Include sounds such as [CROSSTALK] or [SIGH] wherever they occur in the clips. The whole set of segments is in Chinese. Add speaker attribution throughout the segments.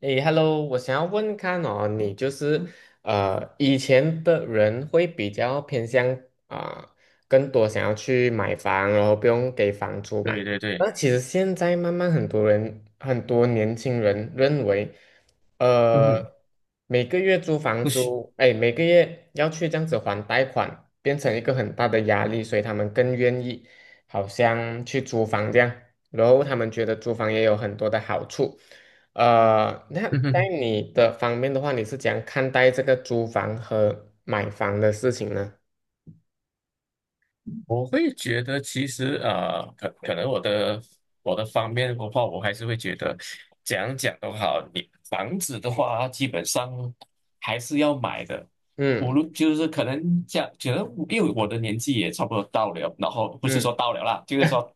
Speaker 1: 诶，Hello，我想要问看哦，你就是以前的人会比较偏向啊、更多想要去买房，然后不用给房租嘛。
Speaker 2: 对对对，
Speaker 1: 那其实现在慢慢很多人，很多年轻人认为，
Speaker 2: 嗯哼，
Speaker 1: 呃，每个月租房
Speaker 2: 不行，
Speaker 1: 租，哎，每个月要去这样子还贷款，变成一个很大的压力，所以他们更愿意好像去租房这样，然后他们觉得租房也有很多的好处。那
Speaker 2: 嗯
Speaker 1: 在
Speaker 2: 哼，
Speaker 1: 你的方面的话，你是怎样看待这个租房和买房的事情呢？
Speaker 2: 我会觉得其实可能我的方面的话，我还是会觉得怎样讲都好，你房子的话，基本上还是要买的。无
Speaker 1: 嗯
Speaker 2: 论就是可能讲，觉得因为我的年纪也差不多到了，然后不是说
Speaker 1: 嗯
Speaker 2: 到了啦，就是
Speaker 1: [LAUGHS]
Speaker 2: 说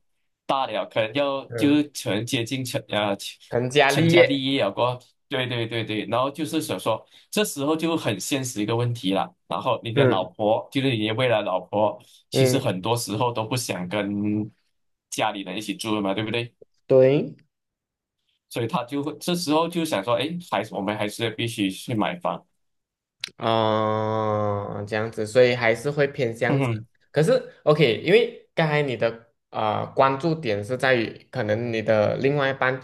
Speaker 2: 大了，可能要就
Speaker 1: 嗯，
Speaker 2: 是可能接近
Speaker 1: 成家
Speaker 2: 成
Speaker 1: 立
Speaker 2: 家
Speaker 1: 业，
Speaker 2: 立业了过后对对对对，然后就是想说。这时候就很现实一个问题了。然后你的老
Speaker 1: 嗯
Speaker 2: 婆，就是你的未来老婆，其实
Speaker 1: 嗯，
Speaker 2: 很多时候都不想跟家里人一起住了嘛，对不对？
Speaker 1: 对。
Speaker 2: 所以他就会这时候就想说，哎，还是我们还是必须去买房。
Speaker 1: 哦，这样子，所以还是会偏向这样子。
Speaker 2: 嗯
Speaker 1: 可是，OK，因为刚才你的关注点是在于，可能你的另外一半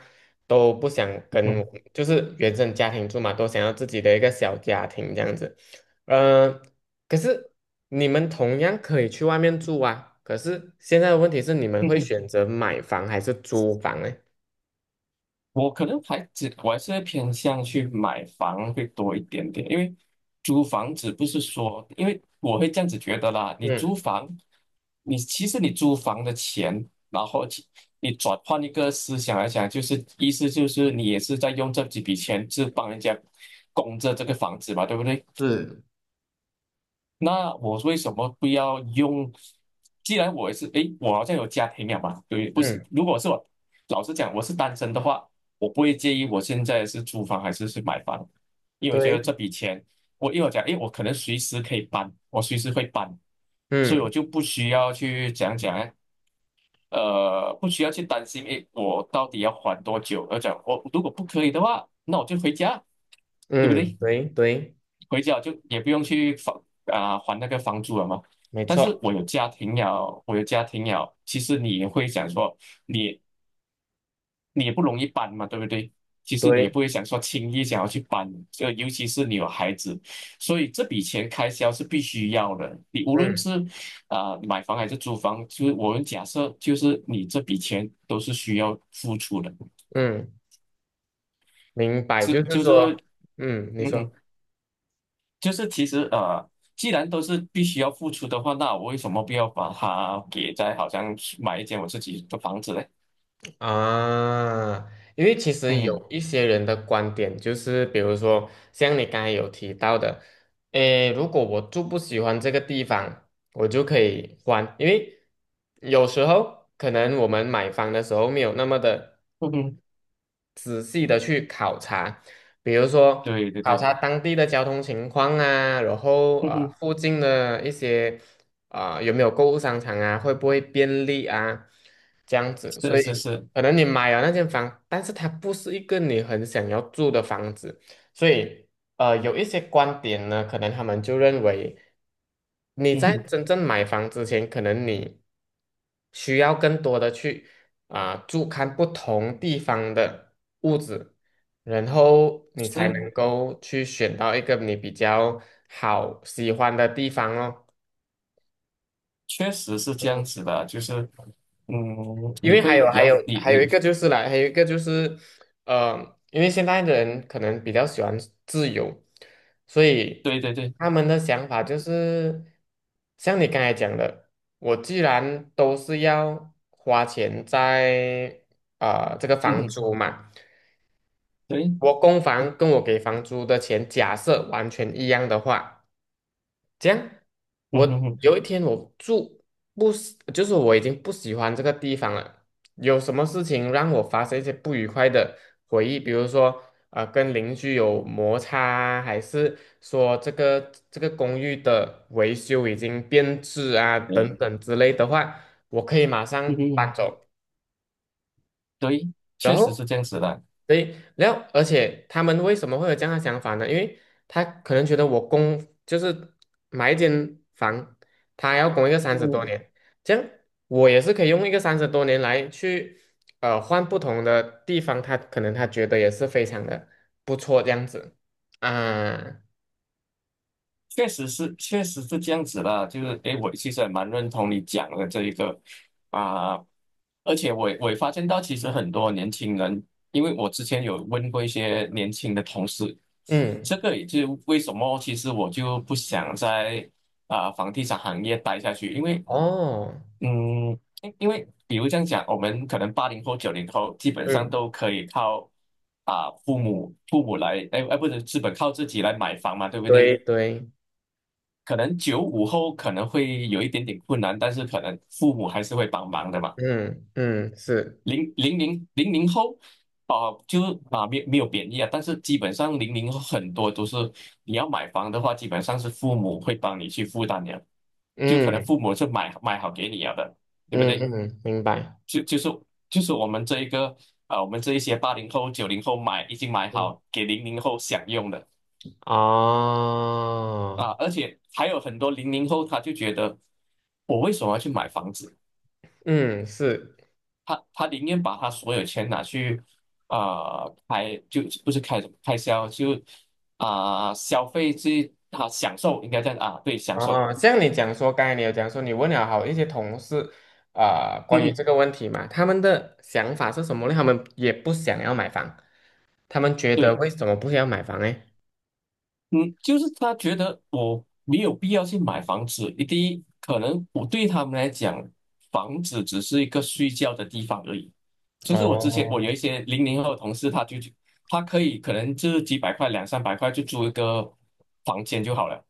Speaker 1: 都不想跟，
Speaker 2: 嗯
Speaker 1: 就是原生家庭住嘛，都想要自己的一个小家庭这样子。呃，可是你们同样可以去外面住啊。可是现在的问题是，你们会
Speaker 2: 嗯。
Speaker 1: 选择买房还是租房呢？
Speaker 2: 我可能还只我还是会偏向去买房会多一点点，因为租房子不是说，因为我会这样子觉得啦，你
Speaker 1: 嗯
Speaker 2: 租房，你其实你租房的钱，然后你转换一个思想来讲，就是意思就是你也是在用这几笔钱是帮人家供着这个房子嘛，对不对？
Speaker 1: 是，
Speaker 2: 那我为什么不要用？既然我也是，诶，我好像有家庭了嘛，对，不行。
Speaker 1: 嗯，
Speaker 2: 如果是我，老实讲，我是单身的话，我不会介意我现在是租房还是买房，因为我觉得
Speaker 1: 对，
Speaker 2: 这笔钱，我一会我讲，诶，我可能随时可以搬，我随时会搬，所以我
Speaker 1: 嗯
Speaker 2: 就不需要去讲讲呢，不需要去担心，诶，我到底要还多久？而讲我如果不可以的话，那我就回家，对不
Speaker 1: 嗯，
Speaker 2: 对？
Speaker 1: 对对，
Speaker 2: 回家就也不用去房啊、还那个房租了嘛。
Speaker 1: 没
Speaker 2: 但是
Speaker 1: 错，
Speaker 2: 我有家庭了，我有家庭了，其实你也会想说，你你也不容易搬嘛，对不对？其实你也
Speaker 1: 对。
Speaker 2: 不会想说轻易想要去搬，就尤其是你有孩子，所以这笔钱开销是必须要的。你无论
Speaker 1: 嗯。
Speaker 2: 是买房还是租房，就是我们假设就是你这笔钱都是需要付出的，
Speaker 1: 嗯，明白，
Speaker 2: 就
Speaker 1: 就是
Speaker 2: 就
Speaker 1: 说，
Speaker 2: 是
Speaker 1: 嗯，你
Speaker 2: 嗯
Speaker 1: 说
Speaker 2: 就是其实，既然都是必须要付出的话，那我为什么不要把它给在好像买一间我自己的房子嘞？
Speaker 1: 啊，因为其实
Speaker 2: 嗯，
Speaker 1: 有一些人的观点就是，比如说像你刚才有提到的，诶，如果我住不喜欢这个地方，我就可以换，因为有时候可能我们买房的时候没有那么的。
Speaker 2: 嗯哼，
Speaker 1: 仔细的去考察，比如说
Speaker 2: 对对
Speaker 1: 考
Speaker 2: 对，
Speaker 1: 察当地的交通情况啊，然后
Speaker 2: 嗯
Speaker 1: 啊
Speaker 2: 哼，
Speaker 1: 附近的一些有没有购物商场啊，会不会便利啊，这样子，所
Speaker 2: 是是
Speaker 1: 以
Speaker 2: 是，
Speaker 1: 可能你买了那间房，但是它不是一个你很想要住的房子，所以有一些观点呢，可能他们就认为你
Speaker 2: 嗯
Speaker 1: 在
Speaker 2: 哼，
Speaker 1: 真正买房之前，可能你需要更多的去。住看不同地方的屋子，然后你才
Speaker 2: 是，
Speaker 1: 能够去选到一个你比较好喜欢的地方哦。
Speaker 2: 确实是这
Speaker 1: 嗯，
Speaker 2: 样子的，就是嗯，
Speaker 1: 因
Speaker 2: 你
Speaker 1: 为还
Speaker 2: 会
Speaker 1: 有
Speaker 2: 比
Speaker 1: 还
Speaker 2: 较
Speaker 1: 有
Speaker 2: 你
Speaker 1: 还有一
Speaker 2: 你
Speaker 1: 个就是啦，还有一个就是，因为现在的人可能比较喜欢自由，所以
Speaker 2: 对对对，
Speaker 1: 他们的想法就是像你刚才讲的，我既然都是要花钱在这个
Speaker 2: 嗯
Speaker 1: 房
Speaker 2: 哼，
Speaker 1: 租嘛。
Speaker 2: 对，
Speaker 1: 我供房跟我给房租的钱假设完全一样的话，这样我
Speaker 2: 嗯哼哼，
Speaker 1: 有一天我住不喜，就是我已经不喜欢这个地方了，有什么事情让我发生一些不愉快的回忆，比如说跟邻居有摩擦啊还是说这个公寓的维修已经变质啊
Speaker 2: 对，
Speaker 1: 等等之类的话，我可以马
Speaker 2: 嗯
Speaker 1: 上
Speaker 2: 哼
Speaker 1: 搬
Speaker 2: 哼
Speaker 1: 走。
Speaker 2: 对，
Speaker 1: 然
Speaker 2: 确实
Speaker 1: 后。
Speaker 2: 是这样子的。
Speaker 1: 对，然后而且他们为什么会有这样的想法呢？因为他可能觉得我供就是买一间房，他要供一个三十多
Speaker 2: 嗯。
Speaker 1: 年，这样我也是可以用一个三十多年来去换不同的地方，他可能他觉得也是非常的不错这样子啊，
Speaker 2: 确实是，确实是这样子啦。就是，诶，我其实也蛮认同你讲的这一个啊、而且我也发现到，其实很多年轻人，因为我之前有问过一些年轻的同事，
Speaker 1: 嗯，
Speaker 2: 这个也就是为什么，其实我就不想在房地产行业待下去，因为
Speaker 1: 哦，
Speaker 2: 因为比如这样讲，我们可能八零后、九零后基本上
Speaker 1: 嗯，
Speaker 2: 都可以靠父母来，哎哎，不是，基本靠自己来买房嘛，对不对？
Speaker 1: 对对，
Speaker 2: 可能95后可能会有一点点困难，但是可能父母还是会帮忙的嘛。
Speaker 1: 嗯嗯是，
Speaker 2: 零零后，啊，就啊没有贬义啊，但是基本上零零后很多都是你要买房的话，基本上是父母会帮你去负担的，就可能
Speaker 1: 嗯
Speaker 2: 父母是买好给你了的，对不
Speaker 1: 嗯
Speaker 2: 对？
Speaker 1: 嗯，明白，
Speaker 2: 就就是就是我们这一些八零后、九零后买已经买
Speaker 1: 嗯
Speaker 2: 好给零零后享用的
Speaker 1: 啊，
Speaker 2: 啊，而且还有很多零零后他就觉得我为什么要去买房子？
Speaker 1: 嗯是。
Speaker 2: 他宁愿把他所有钱拿去啊、呃开，就不是开销，就消费去啊享受，应该这样啊，对，享受，
Speaker 1: 哦，像你讲说，刚才你有讲说，你问了好一些同事，
Speaker 2: 嗯
Speaker 1: 关于这
Speaker 2: 哼，
Speaker 1: 个问题嘛，他们的想法是什么呢？他们也不想要买房，他们觉得
Speaker 2: 对，
Speaker 1: 为什么不想要买房呢？
Speaker 2: 嗯，就是他觉得我没有必要去买房子，第一，可能我对他们来讲，房子只是一个睡觉的地方而已。其实我之前我有
Speaker 1: 哦，
Speaker 2: 一些零零后的同事，他就他可能就是几百块、两三百块就租一个房间就好了。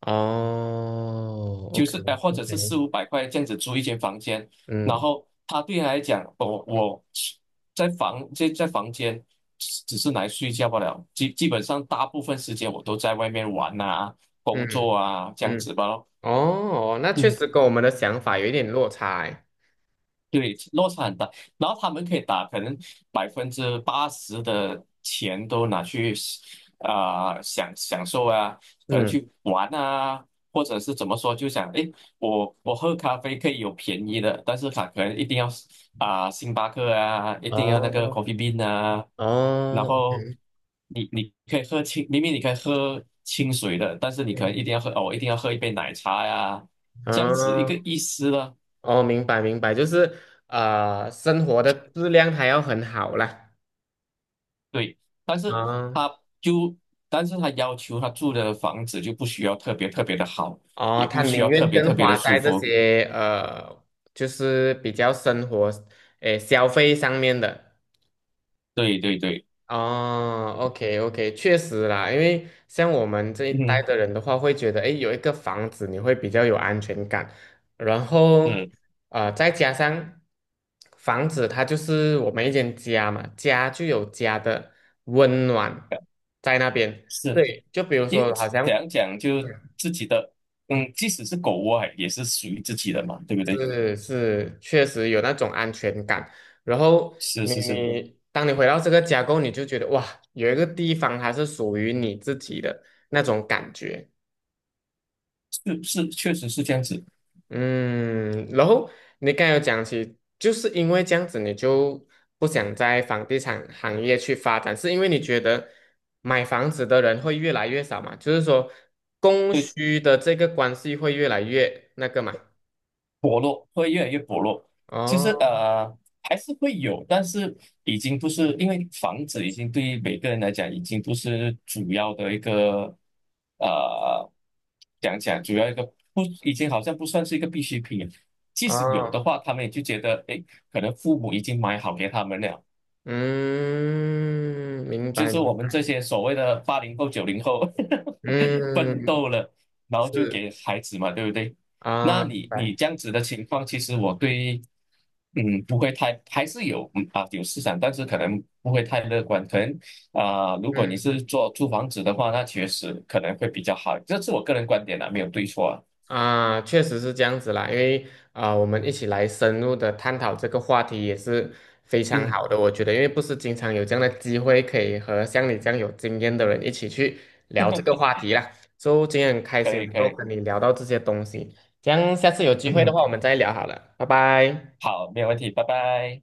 Speaker 1: 哦
Speaker 2: 就是，或者是
Speaker 1: ，OK，OK，
Speaker 2: 四五百块这样子租一间房间，然
Speaker 1: 嗯
Speaker 2: 后他对他来讲，我在房间只是来睡觉罢了，基本上大部分时间我都在外面玩啊、工
Speaker 1: 嗯
Speaker 2: 作啊这样
Speaker 1: 嗯，
Speaker 2: 子吧咯。
Speaker 1: 哦，那确
Speaker 2: 嗯。
Speaker 1: 实跟我们的想法有一点落差欸
Speaker 2: 对，落差很大。然后他们可以打，可能80%的钱都拿去享受啊，可能
Speaker 1: 嗯，
Speaker 2: 去玩啊，或者是怎么说，就想诶，我喝咖啡可以有便宜的，但是他可能一定要星巴克啊，一定要那个
Speaker 1: 哦
Speaker 2: Coffee Bean 啊，然
Speaker 1: 哦
Speaker 2: 后
Speaker 1: ，OK，
Speaker 2: 你可以喝清，明明你可以喝清水的，但是你可能
Speaker 1: 嗯，
Speaker 2: 一定要喝哦，我一定要喝一杯奶茶呀、这样子一个
Speaker 1: 哦
Speaker 2: 意思了。
Speaker 1: 哦，明白明白，就是啊，生活的质量还要很好啦。
Speaker 2: 对，但是
Speaker 1: 啊
Speaker 2: 他就，但是他要求他住的房子就不需要特别特别的好，
Speaker 1: 哦，
Speaker 2: 也
Speaker 1: 他
Speaker 2: 不需
Speaker 1: 宁
Speaker 2: 要特
Speaker 1: 愿
Speaker 2: 别特
Speaker 1: 更
Speaker 2: 别的
Speaker 1: 花
Speaker 2: 舒
Speaker 1: 在这
Speaker 2: 服。
Speaker 1: 些就是比较生活，诶，消费上面的。
Speaker 2: 对对对，
Speaker 1: 哦，OK OK，确实啦，因为像我们这一代
Speaker 2: 嗯
Speaker 1: 的人的话，会觉得，诶，有一个房子你会比较有安全感，然后
Speaker 2: 嗯，
Speaker 1: 再加上房子它就是我们一间家嘛，家就有家的温暖在那边。
Speaker 2: 是，
Speaker 1: 对，就比如
Speaker 2: 因为
Speaker 1: 说好
Speaker 2: 怎
Speaker 1: 像。
Speaker 2: 样讲就自己的，嗯，即使是狗窝啊也是属于自己的嘛，对不对？
Speaker 1: 是是，确实有那种安全感。然后
Speaker 2: 是
Speaker 1: 你
Speaker 2: 是是
Speaker 1: 你，当你回到这个家过后，你就觉得哇，有一个地方它是属于你自己的那种感觉。
Speaker 2: 是是，确实是这样子。
Speaker 1: 嗯，然后你刚才有讲起，就是因为这样子，你就不想在房地产行业去发展，是因为你觉得买房子的人会越来越少嘛？就是说供
Speaker 2: 对。
Speaker 1: 需的这个关系会越来越那个嘛？
Speaker 2: 薄弱，会越来越薄弱。其实
Speaker 1: 哦
Speaker 2: 还是会有，但是已经不是因为房子已经对于每个人来讲已经不是主要的一个呃讲讲主要一个不已经好像不算是一个必需品了即使有
Speaker 1: 哦。
Speaker 2: 的话，他们也就觉得诶，可能父母已经买好给他们了，
Speaker 1: 嗯，明
Speaker 2: 就
Speaker 1: 白
Speaker 2: 是我
Speaker 1: 明
Speaker 2: 们这
Speaker 1: 白，
Speaker 2: 些所谓的八零后、九零后 [LAUGHS] 奋
Speaker 1: 嗯，
Speaker 2: 斗了，然后就
Speaker 1: 是
Speaker 2: 给孩子嘛，对不对？那
Speaker 1: 啊，明
Speaker 2: 你
Speaker 1: 白，
Speaker 2: 这样子的情况，其实我对，不会太，还是有嗯啊有市场，但是可能不会太乐观。可能如果你
Speaker 1: 嗯
Speaker 2: 是做租房子的话，那确实可能会比较好。这是我个人观点啊，没有对错啊。
Speaker 1: 啊，确实是这样子啦，因为啊，我们一起来深入的探讨这个话题也是非常
Speaker 2: 嗯，
Speaker 1: 好的，我觉得，因为不是经常有这样的机会可以和像你这样有经验的人一起去聊这个话
Speaker 2: [LAUGHS]
Speaker 1: 题啦，所以今天很开
Speaker 2: 可
Speaker 1: 心
Speaker 2: 以
Speaker 1: 能
Speaker 2: 可
Speaker 1: 够
Speaker 2: 以，
Speaker 1: 跟你聊到这些东西，这样下次有机会的
Speaker 2: 嗯，
Speaker 1: 话我们再聊好了，拜拜。
Speaker 2: 好，没有问题，拜拜。